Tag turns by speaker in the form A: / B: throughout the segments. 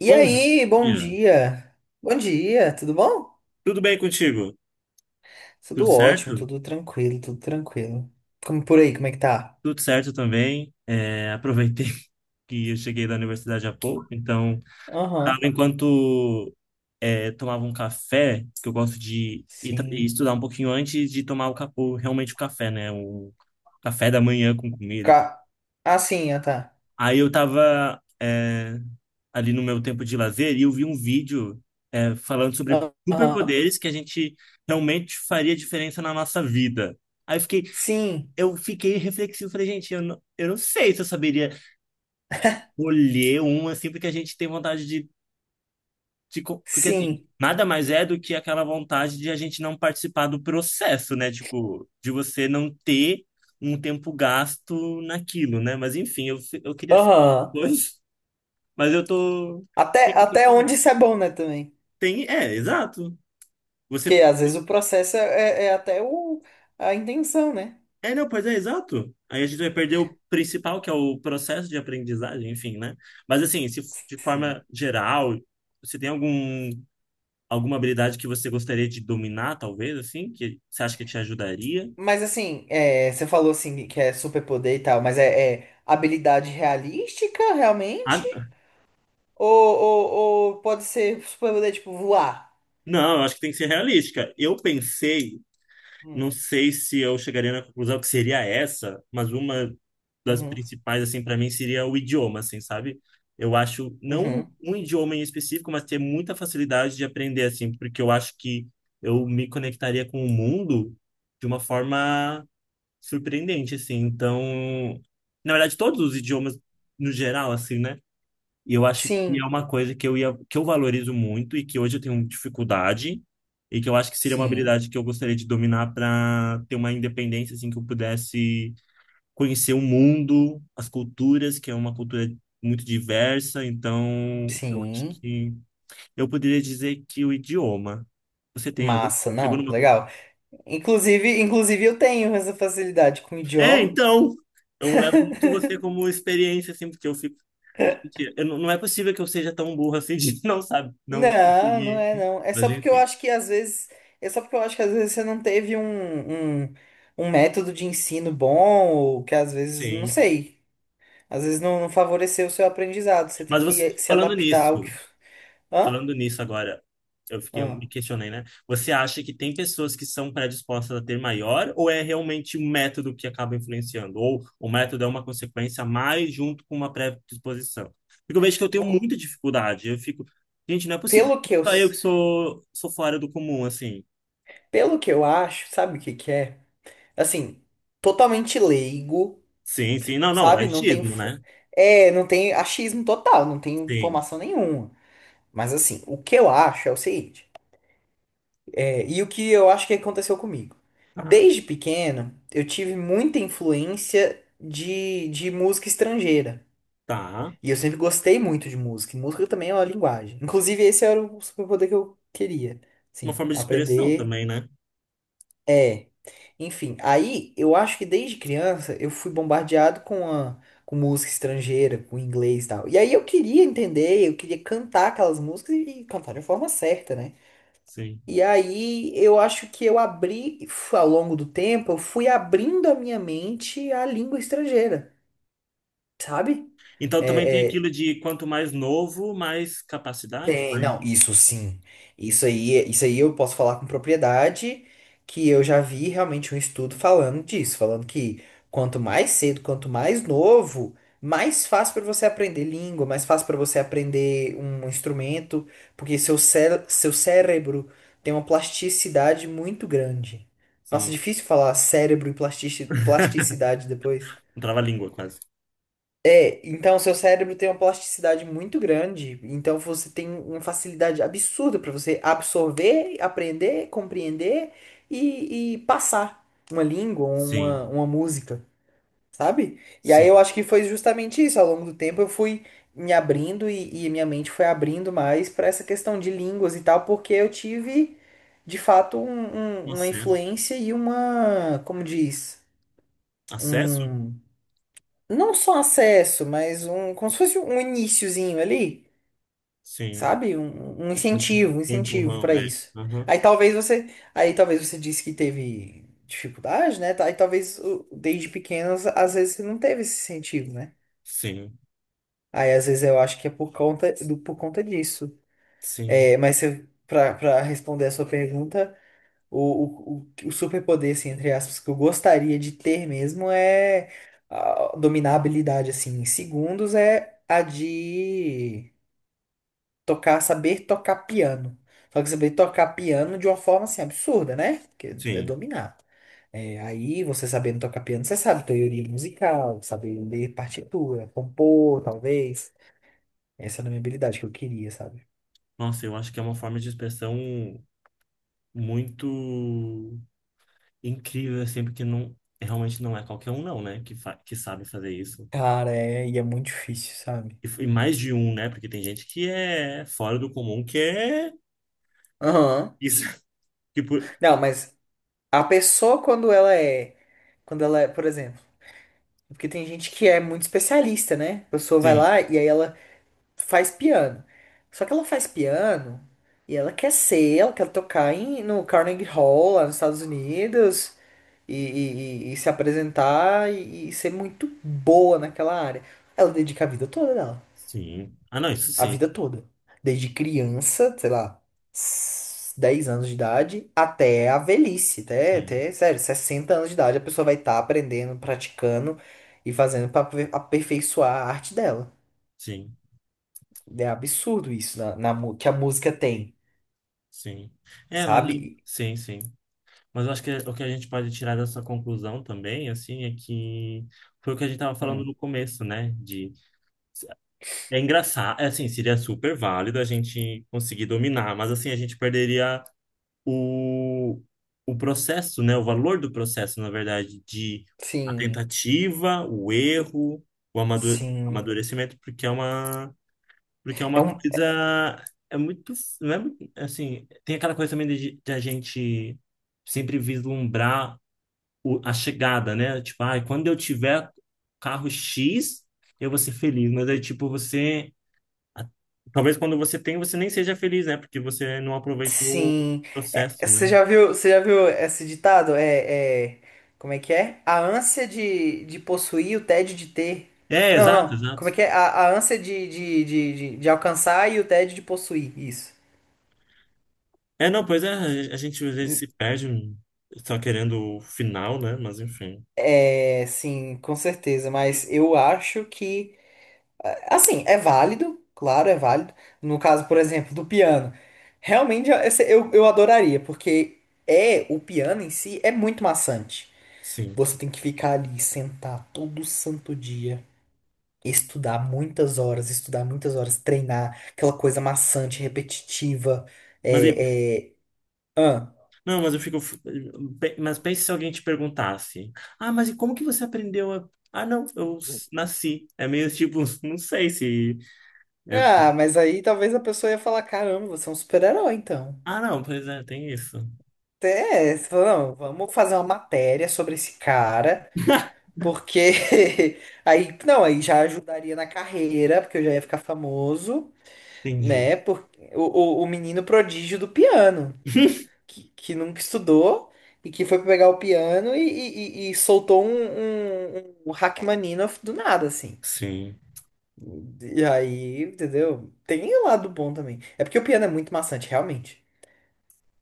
A: E
B: Bom
A: aí, bom
B: dia.
A: dia. Bom dia, tudo bom?
B: Tudo bem contigo?
A: Tudo
B: Tudo
A: ótimo,
B: certo?
A: tudo tranquilo, tudo tranquilo. Como por aí, como é que tá?
B: Tudo certo também. Aproveitei que eu cheguei da universidade há pouco, então tava
A: Aham,
B: enquanto tomava um café, que eu gosto de ir ir
A: sim.
B: estudar um pouquinho antes de tomar realmente o café, né? O café da manhã com comida e tudo.
A: Ca... Ah, sim, ah, tá.
B: Aí eu tava ali no meu tempo de lazer e eu vi um vídeo falando sobre
A: Aham,
B: superpoderes que a gente realmente faria diferença na nossa vida. Aí eu fiquei,
A: sim,
B: eu fiquei reflexivo, falei, gente, eu não sei se eu saberia colher um, assim, porque a gente tem vontade de Porque, assim,
A: sim.
B: nada mais é do que aquela vontade de a gente não participar do processo, né? Tipo, de você não ter um tempo gasto naquilo, né? Mas, enfim, eu queria ser
A: Aham.
B: dois, mas eu tô...
A: Até onde isso é bom, né, também?
B: Tem, é, exato. Você
A: Porque às vezes o processo é até a intenção, né?
B: É, não, pois é, exato. Aí a gente vai perder o principal, que é o processo de aprendizagem, enfim, né? Mas assim, se f- de forma
A: Sim.
B: geral, você tem alguma habilidade que você gostaria de dominar, talvez, assim, que você acha que te ajudaria?
A: Mas assim, você falou assim que é superpoder e tal, mas é habilidade realística, realmente?
B: Ah,
A: Ou, ou, ou pode ser superpoder, tipo, voar.
B: não, eu acho que tem que ser realística. Eu pensei não
A: Hum,
B: sei se eu chegaria na conclusão que seria essa, mas uma das
A: uhum,
B: principais, assim, para mim seria o idioma, assim, sabe? Eu acho, não
A: uhum.
B: um idioma em específico, mas ter muita facilidade de aprender, assim, porque eu acho que eu me conectaria com o mundo de uma forma surpreendente, assim. Então, na verdade, todos os idiomas no geral, assim, né? E eu acho que é
A: Sim,
B: uma coisa que eu ia, que eu valorizo muito e que hoje eu tenho dificuldade e que eu acho que seria uma
A: sim,
B: habilidade que eu gostaria de dominar para ter uma independência assim que eu pudesse conhecer o mundo, as culturas, que é uma cultura muito diversa, então eu acho
A: sim.
B: que eu poderia dizer que o idioma. Você tem algum?
A: Massa,
B: Chegou
A: não,
B: numa conclu-
A: legal. Inclusive eu tenho essa facilidade com o
B: É,
A: idioma.
B: então, eu levo muito você como experiência assim, porque eu fico, eu não é possível que eu seja tão burro assim de não sabe, não
A: Não, não
B: conseguir
A: é não. É
B: mas
A: só porque eu
B: enfim.
A: acho que às vezes, é só porque eu acho que às vezes você não teve um método de ensino bom, ou que às vezes, não
B: Sim.
A: sei, às vezes não favoreceu o seu aprendizado. Você tem
B: Mas
A: que
B: você,
A: se adaptar ao que. Hã?
B: falando nisso agora, eu fiquei, eu
A: Hã?
B: me questionei, né? Você acha que tem pessoas que são predispostas a ter maior, ou é realmente o método que acaba influenciando? Ou o método é uma consequência mais junto com uma predisposição? Porque eu vejo que eu tenho
A: Vou-
B: muita dificuldade. Eu fico, gente, não é possível
A: Pelo
B: que
A: que eu.
B: só eu
A: s-
B: que sou fora do comum, assim.
A: Pelo que eu acho, sabe o que que é? Assim, totalmente leigo,
B: Sim, sim. Não, não, é
A: sabe? Não tem,
B: autismo,
A: f-
B: né?
A: é, não tem achismo total, não tem
B: Sim.
A: informação nenhuma. Mas assim, o que eu acho é o seguinte, e o que eu acho que aconteceu comigo.
B: Tá,
A: Desde pequeno, eu tive muita influência de música estrangeira.
B: tá.
A: E eu sempre gostei muito de música. E música também é uma linguagem. Inclusive, esse era o superpoder que eu queria.
B: Uma
A: Sim,
B: forma de expressão
A: aprender.
B: também, né?
A: É. Enfim, aí eu acho que desde criança eu fui bombardeado com música estrangeira, com inglês e tal. E aí eu queria entender, eu queria cantar aquelas músicas e cantar de forma certa, né?
B: Sim.
A: E aí eu acho que ao longo do tempo, eu fui abrindo a minha mente à língua estrangeira, sabe?
B: Então também tem
A: É, é,
B: aquilo de quanto mais novo, mais capacidade.
A: Tem, não,
B: Mais-
A: isso sim. Isso aí eu posso falar com propriedade, que eu já vi realmente um estudo falando disso, falando que quanto mais cedo, quanto mais novo, mais fácil para você aprender língua, mais fácil para você aprender um instrumento, porque seu cérebro tem uma plasticidade muito grande. Nossa,
B: Sim,
A: difícil falar cérebro e plasticidade depois.
B: não trava a língua quase.
A: É, então seu cérebro tem uma plasticidade muito grande, então você tem uma facilidade absurda para você absorver, aprender, compreender e passar uma língua, uma,
B: Sim,
A: uma música, sabe? E aí eu
B: sim.
A: acho que foi justamente isso. Ao longo do tempo eu fui me abrindo e minha mente foi abrindo mais para essa questão de línguas e tal, porque eu tive de fato uma
B: Acesso.
A: influência e uma, como diz,
B: Acesso?
A: um não só acesso, mas um, como se fosse um iniciozinho ali,
B: Sim.
A: sabe? Um incentivo, um
B: Um
A: incentivo
B: empurrão,
A: para
B: é.
A: isso.
B: Aham.
A: Aí talvez você, aí talvez você disse que teve dificuldade, né? Aí talvez desde pequenos, às vezes você não teve esse incentivo, né?
B: Sim,
A: Aí às vezes eu acho que é por conta disso.
B: sim,
A: É, mas para responder a sua pergunta. O superpoder, assim, entre aspas, que eu gostaria de ter mesmo é dominar a habilidade, assim, em segundos, é a de saber tocar piano. Só que saber tocar piano de uma forma, assim, absurda, né? Porque é
B: sim.
A: dominar. É, aí, você sabendo tocar piano, você sabe teoria musical, saber ler partitura, compor, talvez. Essa era a minha habilidade que eu queria, sabe?
B: Nossa, eu acho que é uma forma de expressão muito incrível, assim, porque não, realmente não é qualquer um, não, né, que, fa que sabe fazer isso.
A: Cara, e é muito difícil, sabe?
B: E, e mais de um, né, porque tem gente que é fora do comum, que é
A: Aham.
B: isso. Tipo,
A: Não, mas a pessoa, quando ela é. Quando ela é, por exemplo. Porque tem gente que é muito especialista, né? A pessoa vai
B: sim,
A: lá e aí ela faz piano. Só que ela faz piano e ela quer tocar no Carnegie Hall, lá nos Estados Unidos, e se apresentar e ser muito boa naquela área. Ela dedica a vida toda dela.
B: Sim. Ah, não, isso
A: A
B: sim.
A: vida toda. Desde criança, sei lá, 10 anos de idade, até a velhice, até,
B: Sim,
A: até, sério, 60 anos de idade, a pessoa vai estar aprendendo, praticando e fazendo para aperfeiçoar a arte dela.
B: sim,
A: É absurdo isso que a música tem,
B: sim. É, mas eu-
A: sabe?
B: sim, sim. Mas eu acho que o que a gente pode tirar dessa conclusão também, assim, é que foi o que a gente estava falando
A: Hum,
B: no começo, né? De é engraçado, é assim, seria super válido a gente conseguir dominar, mas assim a gente perderia o o processo, né? O valor do processo, na verdade, de a
A: sim,
B: tentativa, o erro, o
A: sim.
B: amadurecimento, porque é uma Porque é
A: É
B: uma
A: um.
B: coisa. É muito. Não é muito- assim, tem aquela coisa também de a gente sempre vislumbrar o- a chegada, né? Tipo, ai, quando eu tiver carro X, eu vou ser feliz. Mas aí, tipo, você. A- Talvez quando você tem, você nem seja feliz, né? Porque você não aproveitou o
A: Sim. É,
B: processo, né?
A: você já viu esse ditado? Como é que é? A ânsia de possuir, o tédio de ter.
B: É,
A: Não,
B: exato,
A: não.
B: exato.
A: Como é que é? A ânsia de alcançar e o tédio de possuir. Isso.
B: É, não, pois é, a gente às vezes se perde só querendo o final, né? Mas enfim,
A: É, sim, com certeza. Mas eu acho que, assim, é válido. Claro, é válido. No caso, por exemplo, do piano. Realmente, eu adoraria, porque o piano em si é muito maçante.
B: sim.
A: Você tem que ficar ali, sentar todo santo dia, estudar muitas horas, treinar, aquela coisa maçante, repetitiva.
B: Mas e
A: É, é... Ah.
B: Não, mas eu fico. Pe- Mas pense se alguém te perguntasse: Ah, mas e como que você aprendeu a. Ah, não, eu s- nasci. É meio tipo, não sei se. É-
A: Ah, mas aí talvez a pessoa ia falar: caramba, você é um super-herói, então.
B: Ah, não, pois é, tem isso.
A: É, você fala, não, vamos fazer uma matéria sobre esse cara, porque aí, não, aí já ajudaria na carreira, porque eu já ia ficar famoso,
B: Entendi.
A: né? O, o menino prodígio do piano, que nunca estudou e que foi pegar o piano e soltou um Rachmaninoff do nada, assim.
B: Sim,
A: E aí, entendeu? Tem o lado bom também. É porque o piano é muito maçante, realmente.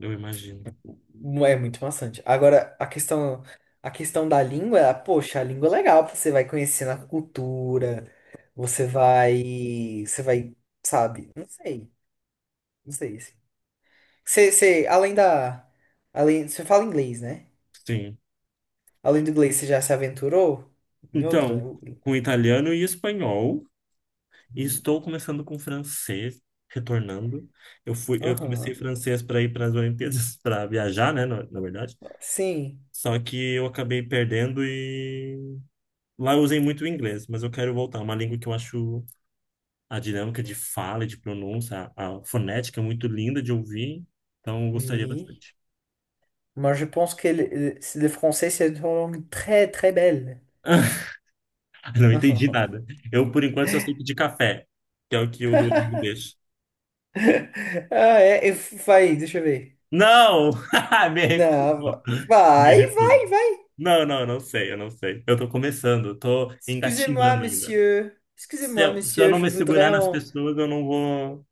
B: eu imagino.
A: É muito maçante. Agora, a questão da língua, poxa, a língua é legal, você vai conhecendo a cultura, você vai, sabe? Não sei, não sei assim. Você, você fala inglês, né?
B: Sim.
A: Além do inglês, você já se aventurou em outra,
B: Então,
A: né?
B: com italiano e espanhol, e estou começando com francês, retornando. Eu comecei
A: Aham.
B: francês para ir para as Olimpíadas, para viajar, né, na verdade.
A: Sim.
B: Só que eu acabei perdendo e Lá eu usei muito o inglês, mas eu quero voltar. É uma língua que eu acho a dinâmica de fala, e de pronúncia, a fonética é muito linda de ouvir. Então, eu gostaria
A: Oui.
B: bastante.
A: Moi, je pense que le français, c'est une langue très, très belle.
B: Não entendi nada. Eu, por enquanto, só sei pedir café, que é o que o Duolingo deixa.
A: Ah, deixa eu ver.
B: Não! Me
A: Não,
B: recuso. Me
A: vai,
B: recuso.
A: vai, vai.
B: Não, não, eu não sei. Eu tô começando, eu tô
A: Excusez-moi,
B: engatinhando ainda.
A: monsieur. Excusez-moi,
B: Se eu
A: monsieur,
B: não
A: je
B: me
A: voudrais
B: segurar nas
A: um.
B: pessoas, eu não vou.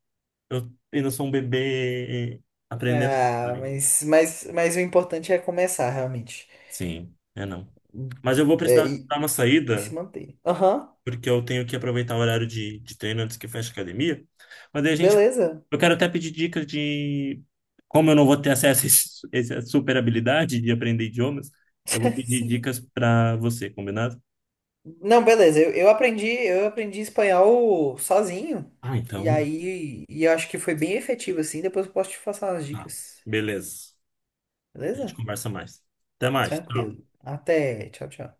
B: Eu ainda sou um bebê aprendendo.
A: Ah, mas o importante é começar, realmente.
B: Sim, é não. Mas eu vou
A: É,
B: precisar
A: e,
B: dar uma
A: e se
B: saída,
A: manter. Aham,
B: porque eu tenho que aproveitar o horário de treino antes que feche a academia. Mas aí a gente.
A: beleza.
B: Eu quero até pedir dicas de como eu não vou ter acesso a essa super habilidade de aprender idiomas. Eu vou pedir
A: Sim.
B: dicas para você, combinado?
A: Não, beleza. Eu aprendi espanhol sozinho.
B: Ah,
A: E
B: então.
A: aí, e eu acho que foi bem efetivo assim. Depois eu posso te passar umas
B: Tá.
A: dicas.
B: Beleza. A gente
A: Beleza?
B: conversa mais. Até mais. Tchau.
A: Tranquilo. Até. Tchau, tchau.